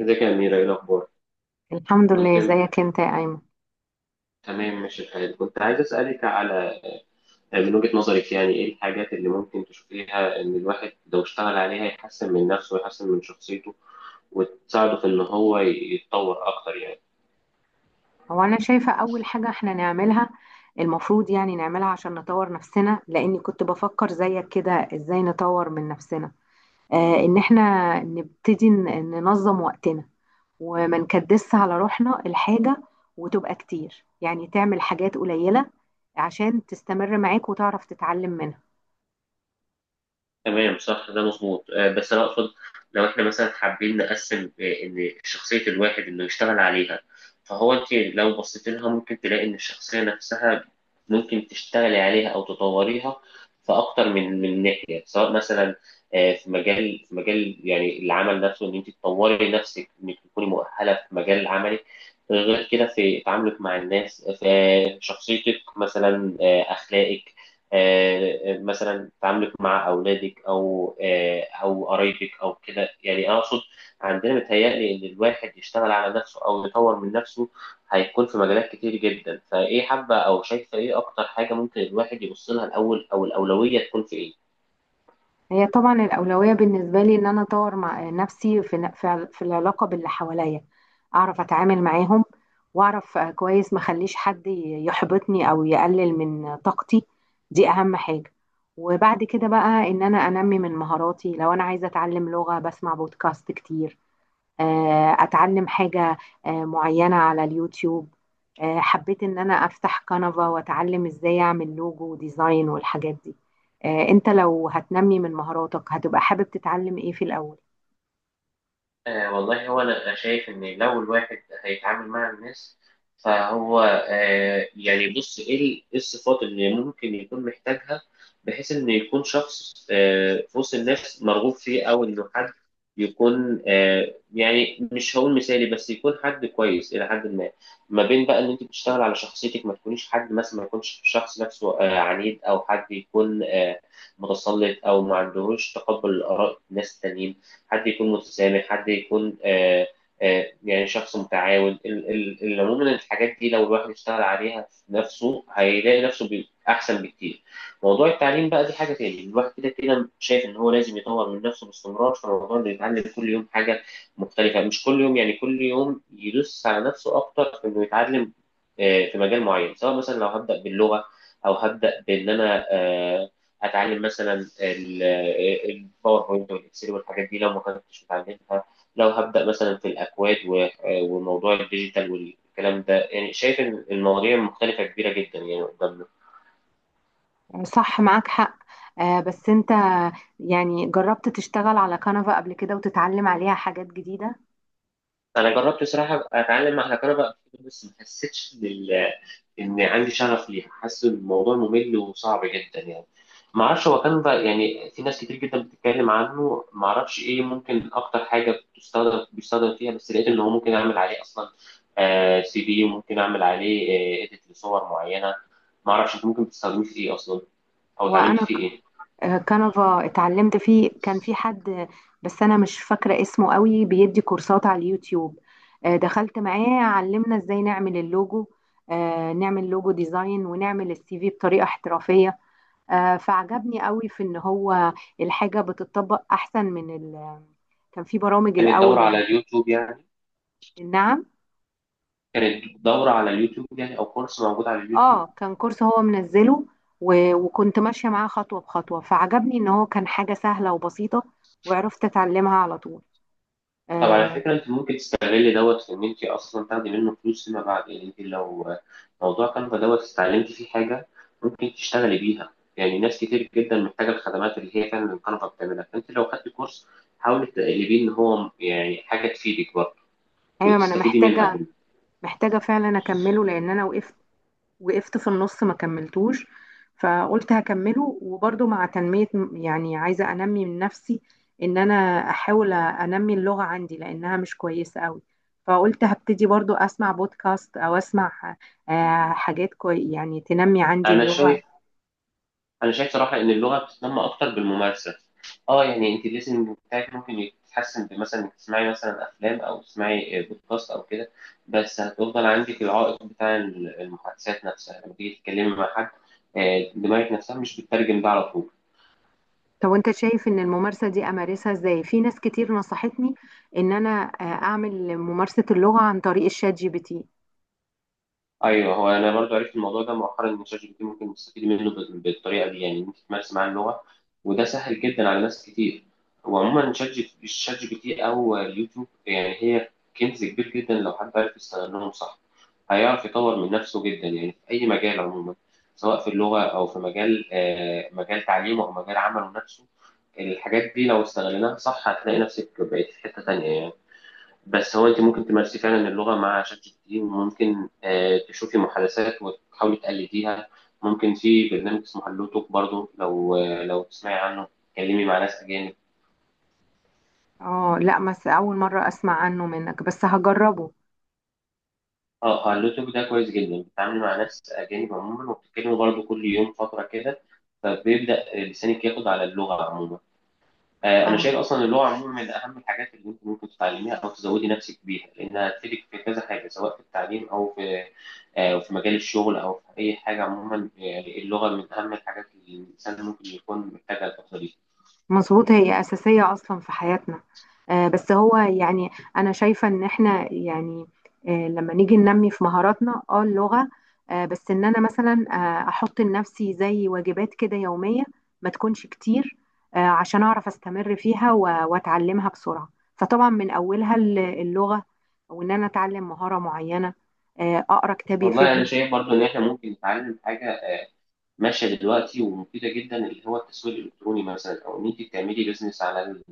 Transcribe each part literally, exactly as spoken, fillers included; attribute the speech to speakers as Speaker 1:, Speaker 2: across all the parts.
Speaker 1: ازيك يا أميرة، إيه الأخبار؟
Speaker 2: الحمد
Speaker 1: كنت
Speaker 2: لله، ازيك انت يا ايمن؟
Speaker 1: تمام، ماشي الحال. كنت عايز أسألك على آه، من وجهة نظرك يعني إيه الحاجات اللي ممكن تشوفيها إن الواحد لو اشتغل عليها يحسن من نفسه ويحسن من شخصيته وتساعده في إن هو يتطور أكتر يعني.
Speaker 2: هو انا شايفه اول حاجه احنا نعملها، المفروض يعني نعملها عشان نطور نفسنا، لاني كنت بفكر زيك كده ازاي نطور من نفسنا. آه، ان احنا نبتدي ن- ننظم وقتنا وما نكدس على روحنا الحاجه، وتبقى كتير يعني تعمل حاجات قليله عشان تستمر معاك وتعرف تتعلم منها.
Speaker 1: تمام، صح، ده مظبوط. آه، بس انا اقصد، لو احنا مثلا حابين نقسم آه، ان شخصيه الواحد انه يشتغل عليها، فهو انت لو بصيت لها ممكن تلاقي ان الشخصيه نفسها ممكن تشتغلي عليها او تطوريها في اكتر من من ناحيه، سواء مثلا آه، في مجال في مجال يعني العمل نفسه، ان انت تطوري نفسك انك تكوني مؤهله في مجال عملك. غير كده في تعاملك مع الناس، آه، في شخصيتك، مثلا آه، اخلاقك، آه، آه، مثلا تعاملك مع اولادك او آه، او قرايبك او كده، يعني اقصد عندنا متهيألي ان الواحد يشتغل على نفسه او يطور من نفسه هيكون في مجالات كتير جدا. فايه حابه او شايفه ايه اكتر حاجه ممكن الواحد يبص لها الاول، او الاولويه تكون في ايه؟
Speaker 2: هي طبعا الأولوية بالنسبة لي إن أنا أطور مع نفسي في ن- في في العلاقة باللي حواليا، أعرف أتعامل معاهم وأعرف آه، كويس ما أخليش حد ي- يحبطني أو يقلل من طاقتي. دي أهم حاجة. وبعد كده بقى إن أنا أنمي من مهاراتي، لو أنا عايزة أتعلم لغة بسمع بودكاست كتير، آه، اتعلم حاجة آه، معينة على اليوتيوب. آه، حبيت ان انا افتح قناة واتعلم ازاي اعمل لوجو وديزاين والحاجات دي. آه، انت لو هتنمي من مهاراتك هتبقى حابب تتعلم ايه في الاول؟
Speaker 1: آه والله، هو أنا شايف إن لو الواحد هيتعامل مع الناس، فهو آه يعني بص، إيه ال- إيه الصفات اللي ممكن يكون محتاجها، بحيث إنه يكون شخص آه في وسط الناس مرغوب فيه، أو إنه حد يكون آه يعني مش هقول مثالي، بس يكون حد كويس إلى حد ما. ما بين بقى إن أنت بتشتغل على شخصيتك، ما تكونيش حد مثلا، ما يكونش شخص نفسه آه عنيد، أو حد يكون آه متسلط، أو ما عندهوش تقبل لآراء الناس التانيين. حد يكون متسامح، حد يكون آه آه يعني شخص متعاون. ال- ال- ال- عموما الحاجات دي لو الواحد اشتغل عليها في نفسه هيلاقي نفسه بي- أحسن بكتير. موضوع التعليم بقى دي حاجة تاني، الواحد كده كده شايف إن هو لازم يطور من نفسه باستمرار، فموضوع إنه يتعلم كل يوم حاجة مختلفة، مش كل يوم يعني، كل يوم يدوس على نفسه أكتر في إنه يتعلم آه، في مجال معين. سواء مثلا لو هبدأ باللغة، أو هبدأ بإن أنا آه، اتعلم مثلا الباوربوينت والاكسل والحاجات دي لو ما كنتش متعلمها، لو هبدا مثلا في الاكواد و- وموضوع الديجيتال والكلام ده. يعني شايف إن المواضيع مختلفه كبيره جدا يعني قدامنا.
Speaker 2: صح، معاك حق. آه، بس انت يعني جربت تشتغل على كانفا قبل كده وتتعلم عليها حاجات جديدة؟
Speaker 1: انا جربت بصراحه أبقى اتعلم على كهرباء، بس ما حسيتش ان ال- ان عندي شغف ليها، حاسس ان الموضوع ممل وصعب جدا يعني. ما اعرفش، هو كان بقى يعني في ناس كتير جدا بتتكلم عنه، ما اعرفش ايه ممكن اكتر حاجه بتستخدم بيستخدم فيها، بس لقيت ان هو ممكن اعمل عليه اصلا آه سي في، وممكن اعمل عليه آه اديت لصور معينه. ما اعرفش انت ممكن تستخدميه في ايه اصلا، او
Speaker 2: هو
Speaker 1: اتعلمت
Speaker 2: انا
Speaker 1: فيه ايه.
Speaker 2: آه، كانفا اتعلمت فيه، كان في حد بس انا مش فاكره اسمه قوي بيدي كورسات على اليوتيوب. آه، دخلت معاه، علمنا ازاي نعمل اللوجو، آه، نعمل لوجو ديزاين ونعمل السي في بطريقه احترافيه. آه، فعجبني قوي في ان هو الحاجه بتطبق احسن من ال... كان في برامج
Speaker 1: كانت دوره
Speaker 2: الاول
Speaker 1: على
Speaker 2: اللي...
Speaker 1: اليوتيوب يعني
Speaker 2: نعم.
Speaker 1: كانت دوره على اليوتيوب يعني، او كورس موجود على اليوتيوب.
Speaker 2: اه كان كورس هو منزله، و... وكنت ماشيه معاه خطوه بخطوه، فعجبني ان هو كان حاجه سهله وبسيطه وعرفت اتعلمها على طول.
Speaker 1: طب على
Speaker 2: آه،
Speaker 1: فكرة، انت ممكن تستغلي دوت في ان انت اصلا تاخدي منه فلوس فيما بعد، يعني انت لو موضوع كانفا دوت استعلمتي فيه حاجة ممكن تشتغلي بيها. يعني ناس كتير جدا محتاجة الخدمات اللي هي فعلا الكنفا بتعملها، فانت لو خدتي كورس حاولي تقلبيه ان هو يعني حاجة تفيدك برضه
Speaker 2: ايوه، ما انا
Speaker 1: وتستفيدي منها
Speaker 2: محتاجه،
Speaker 1: بال-
Speaker 2: محتاجه فعلا اكمله لان انا وقفت، وقفت في النص ما كملتوش. فقلت هكمله وبرضه مع تنميه. يعني عايزه انمي من نفسي، ان انا احاول انمي اللغه عندي لانها مش كويسه قوي. فقلت هبتدي برضه اسمع بودكاست او اسمع آه، حاجات كوي يعني تنمي عندي
Speaker 1: انا
Speaker 2: اللغه.
Speaker 1: شايف انا شايف صراحه ان اللغه بتتنمى اكتر بالممارسه. اه يعني انت الليسننج بتاعك ممكن يتحسن، بمثلا انك تسمعي مثلا افلام او تسمعي بودكاست او كده، بس هتفضل عندك العائق بتاع المحادثات نفسها لما تيجي تتكلمي مع حد. آه، دماغك نفسها مش بتترجم ده على طول.
Speaker 2: طب وانت شايف ان الممارسه دي امارسها ازاي؟ في ناس كتير نصحتني ان انا آه، اعمل ممارسه اللغه عن طريق الشات جي بي تي.
Speaker 1: ايوه، هو انا برضو عرفت الموضوع ده مؤخرا، ان شات جي بي تي ممكن تستفيد منه ب- بالطريقه دي، يعني إن انت تمارس معاه اللغه، وده سهل جدا على ناس كتير. وعموما شات جي شات جي بي تي او اليوتيوب يعني هي كنز كبير جدا، لو حد عرف يستخدمهم صح هيعرف يطور من نفسه جدا، يعني في اي مجال عموما، سواء في اللغه او في مجال آه، مجال تعليمه او مجال عمله نفسه. الحاجات دي لو استغلناها صح هتلاقي نفسك بقيت في حته تانيه يعني. بس هو انت ممكن تمارسي فعلا اللغه مع شات جي بي تي، وممكن آه، تشوفي محادثات وتحاولي تقلديها. ممكن في برنامج اسمه هالو توك برضه، لو آه، لو تسمعي عنه تتكلمي مع ناس اجانب.
Speaker 2: اه لا، بس اول مرة اسمع عنه منك، بس هجربه.
Speaker 1: اه هالو توك ده كويس جدا، بتتعاملي مع ناس اجانب عموما وبتتكلموا برضه كل يوم فتره كده، فبيبدا لسانك ياخد على اللغه عموما. آه، انا
Speaker 2: اه
Speaker 1: شايف اصلا اللغه عموما من اهم الحاجات اللي انت ممكن تتعلميها او تزودي نفسك بيها، لانها هتفيدك في كذا حاجه، سواء في التعليم او في آه، في مجال الشغل، او في اي حاجه عموما. آه، اللغه من اهم الحاجات اللي الانسان ممكن يكون محتاجها الفتره دي.
Speaker 2: مظبوط، هي اساسية اصلا في حياتنا. آه، بس هو يعني انا شايفة ان احنا يعني، آه، لما نيجي ننمي في مهاراتنا، اه اللغة، آه، بس ان انا مثلا آه احط لنفسي زي واجبات كده يومية، ما تكونش كتير، آه، عشان اعرف استمر فيها و- واتعلمها بسرعة. فطبعا من اولها الل- اللغة، وان انا اتعلم مهارة معينة، آه، اقرا كتاب
Speaker 1: والله انا
Speaker 2: يفيدني.
Speaker 1: شايف برضو ان احنا ممكن نتعلم حاجه ماشيه دلوقتي ومفيده جدا، اللي هو التسويق الالكتروني مثلا، او ان انت تعملي بيزنس على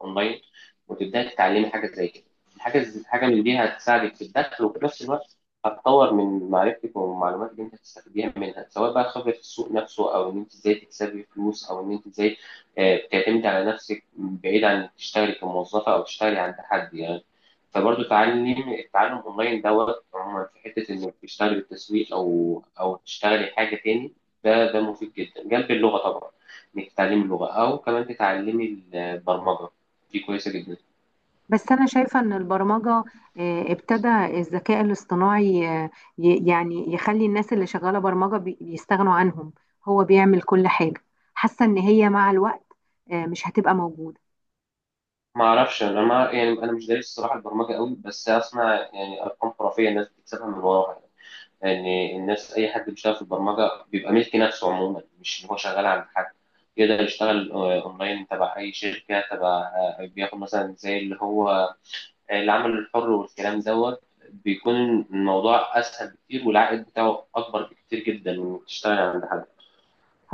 Speaker 1: الاونلاين وتبداي تتعلمي حاجه زي كده. حاجه زي- حاجه من دي هتساعدك في الدخل، وفي نفس الوقت هتطور من معرفتك والمعلومات اللي انت هتستفيديها منها، سواء بقى خبره السوق نفسه، او ان انت ازاي تكسبي فلوس، او ان انت ازاي آه، بتعتمدي على نفسك بعيد عن انك تشتغلي كموظفه او تشتغلي عند حد يعني. فبرضه تعلم التعلم اونلاين دوت عموما في حته انك تشتغلي بالتسويق او او تشتغلي حاجه تاني. ده ده مفيد جدا جنب اللغة طبعا، انك تتعلمي اللغة او كمان تتعلمي البرمجة. دي كويسة جدا.
Speaker 2: بس أنا شايفة إن البرمجة، آه، ابتدى الذكاء الاصطناعي آه، ي- يعني يخلي الناس اللي شغالة برمجة بي- بيستغنوا عنهم. هو بيعمل كل حاجة، حاسة إن هي مع الوقت آه، مش هتبقى موجودة.
Speaker 1: ما اعرفش، انا ما يعني انا مش دارس الصراحة البرمجة قوي، بس اسمع يعني ارقام خرافية الناس بتكسبها من وراها يعني. يعني الناس، اي حد بيشتغل في البرمجة بيبقى ملك نفسه عموما، مش ان هو شغال عند حد. يقدر يشتغل آه، اونلاين تبع اي شركة، تبع آه، بياخد مثلا زي اللي هو العمل الحر والكلام دوت. بيكون الموضوع اسهل بكتير، والعائد بتاعه اكبر بكتير جدا وتشتغل عند حد.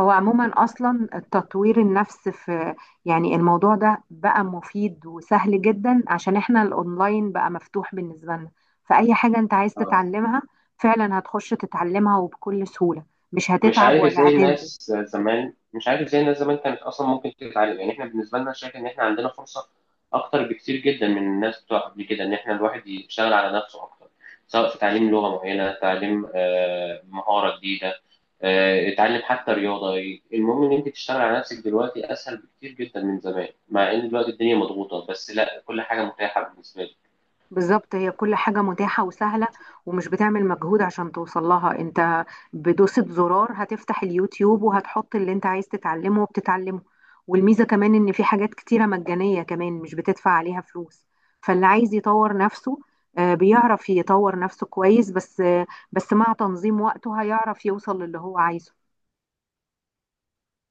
Speaker 2: هو عموما أصلا التطوير النفس في، يعني الموضوع ده بقى مفيد وسهل جدا عشان إحنا الأونلاين بقى مفتوح بالنسبة لنا. فأي حاجة أنت عايز
Speaker 1: اه،
Speaker 2: تتعلمها فعلا هتخش تتعلمها وبكل سهولة، مش
Speaker 1: مش
Speaker 2: هتتعب
Speaker 1: عارف
Speaker 2: ولا
Speaker 1: ازاي
Speaker 2: هتنزل.
Speaker 1: الناس زمان مش عارف ازاي الناس زمان كانت اصلا ممكن تتعلم. يعني احنا بالنسبه لنا شايف ان احنا عندنا فرصه اكتر بكتير جدا من الناس بتوع قبل كده، ان احنا الواحد يشتغل على نفسه اكتر. سواء في تعليم لغه معينه، تعليم آه، مهاره جديده، آه، اتعلم حتى رياضه. المهم ان انت تشتغل على نفسك دلوقتي اسهل بكتير جدا من زمان، مع ان دلوقتي الدنيا مضغوطه، بس لا، كل حاجه متاحه بالنسبه لك.
Speaker 2: بالظبط، هي كل حاجة متاحة وسهلة ومش بتعمل مجهود عشان توصل لها انت. بدوسة زرار هتفتح اليوتيوب وهتحط اللي انت عايز تتعلمه وبتتعلمه. والميزة كمان ان في حاجات كتيرة مجانية كمان، مش بتدفع عليها فلوس. فاللي عايز يطور نفسه آه، بيعرف يطور نفسه كويس، بس آه، بس مع تنظيم وقته هيعرف يوصل للي هو عايزه.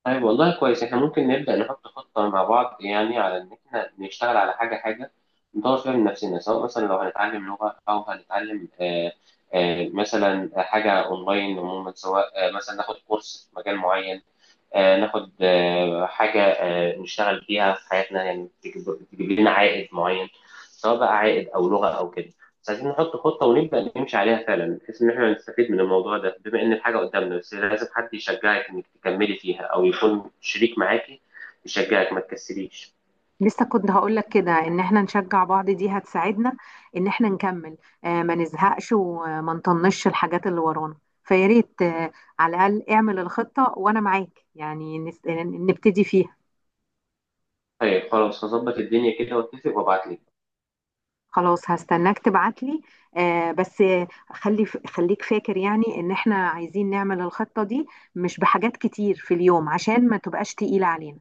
Speaker 1: طيب والله كويس، احنا ممكن نبدأ نحط خطة مع بعض، يعني على ان احنا نشتغل على حاجة حاجة نطور فيها من نفسنا. سواء مثلا لو هنتعلم لغة او هنتعلم آه، آه، مثلا حاجة اونلاين عموما، سواء آه، مثلا ناخد كورس في مجال معين، آه، ناخد آه، حاجة آه، نشتغل فيها في حياتنا، يعني تجيب تجيب لنا عائد معين، سواء بقى عائد أو لغة أو كده. بس عايزين نحط خطة ونبدأ نمشي عليها فعلا، بحيث إن إحنا نستفيد من الموضوع ده بما إن الحاجة قدامنا. بس لازم حد يشجعك إنك تكملي فيها أو يكون شريك معاكي يشجعك ما تكسليش.
Speaker 2: لسه كنت هقولك كده ان احنا نشجع بعض، دي هتساعدنا ان احنا نكمل. آه، ما نزهقش وما نطنش الحاجات اللي ورانا. فيا ريت آه، على الاقل اعمل الخطة وانا معاك، يعني نس- نبتدي فيها.
Speaker 1: طيب خلاص، هظبط الدنيا كده واتفق وابعتلك.
Speaker 2: خلاص هستناك تبعتلي. آه، بس آه، خلي خليك فاكر يعني ان احنا عايزين نعمل الخطة دي، مش بحاجات كتير في اليوم عشان ما تبقاش تقيلة علينا.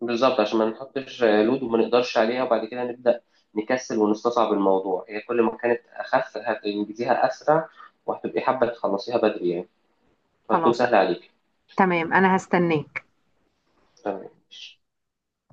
Speaker 1: بالظبط، عشان ما نحطش لود وما نقدرش عليها، وبعد كده نبدأ نكسل ونستصعب الموضوع. هي كل ما كانت أخف هتنجزيها أسرع، وهتبقي حابة تخلصيها بدري يعني، فهتكون
Speaker 2: خلاص،
Speaker 1: سهلة عليك.
Speaker 2: تمام، انا هستناك.
Speaker 1: تمام.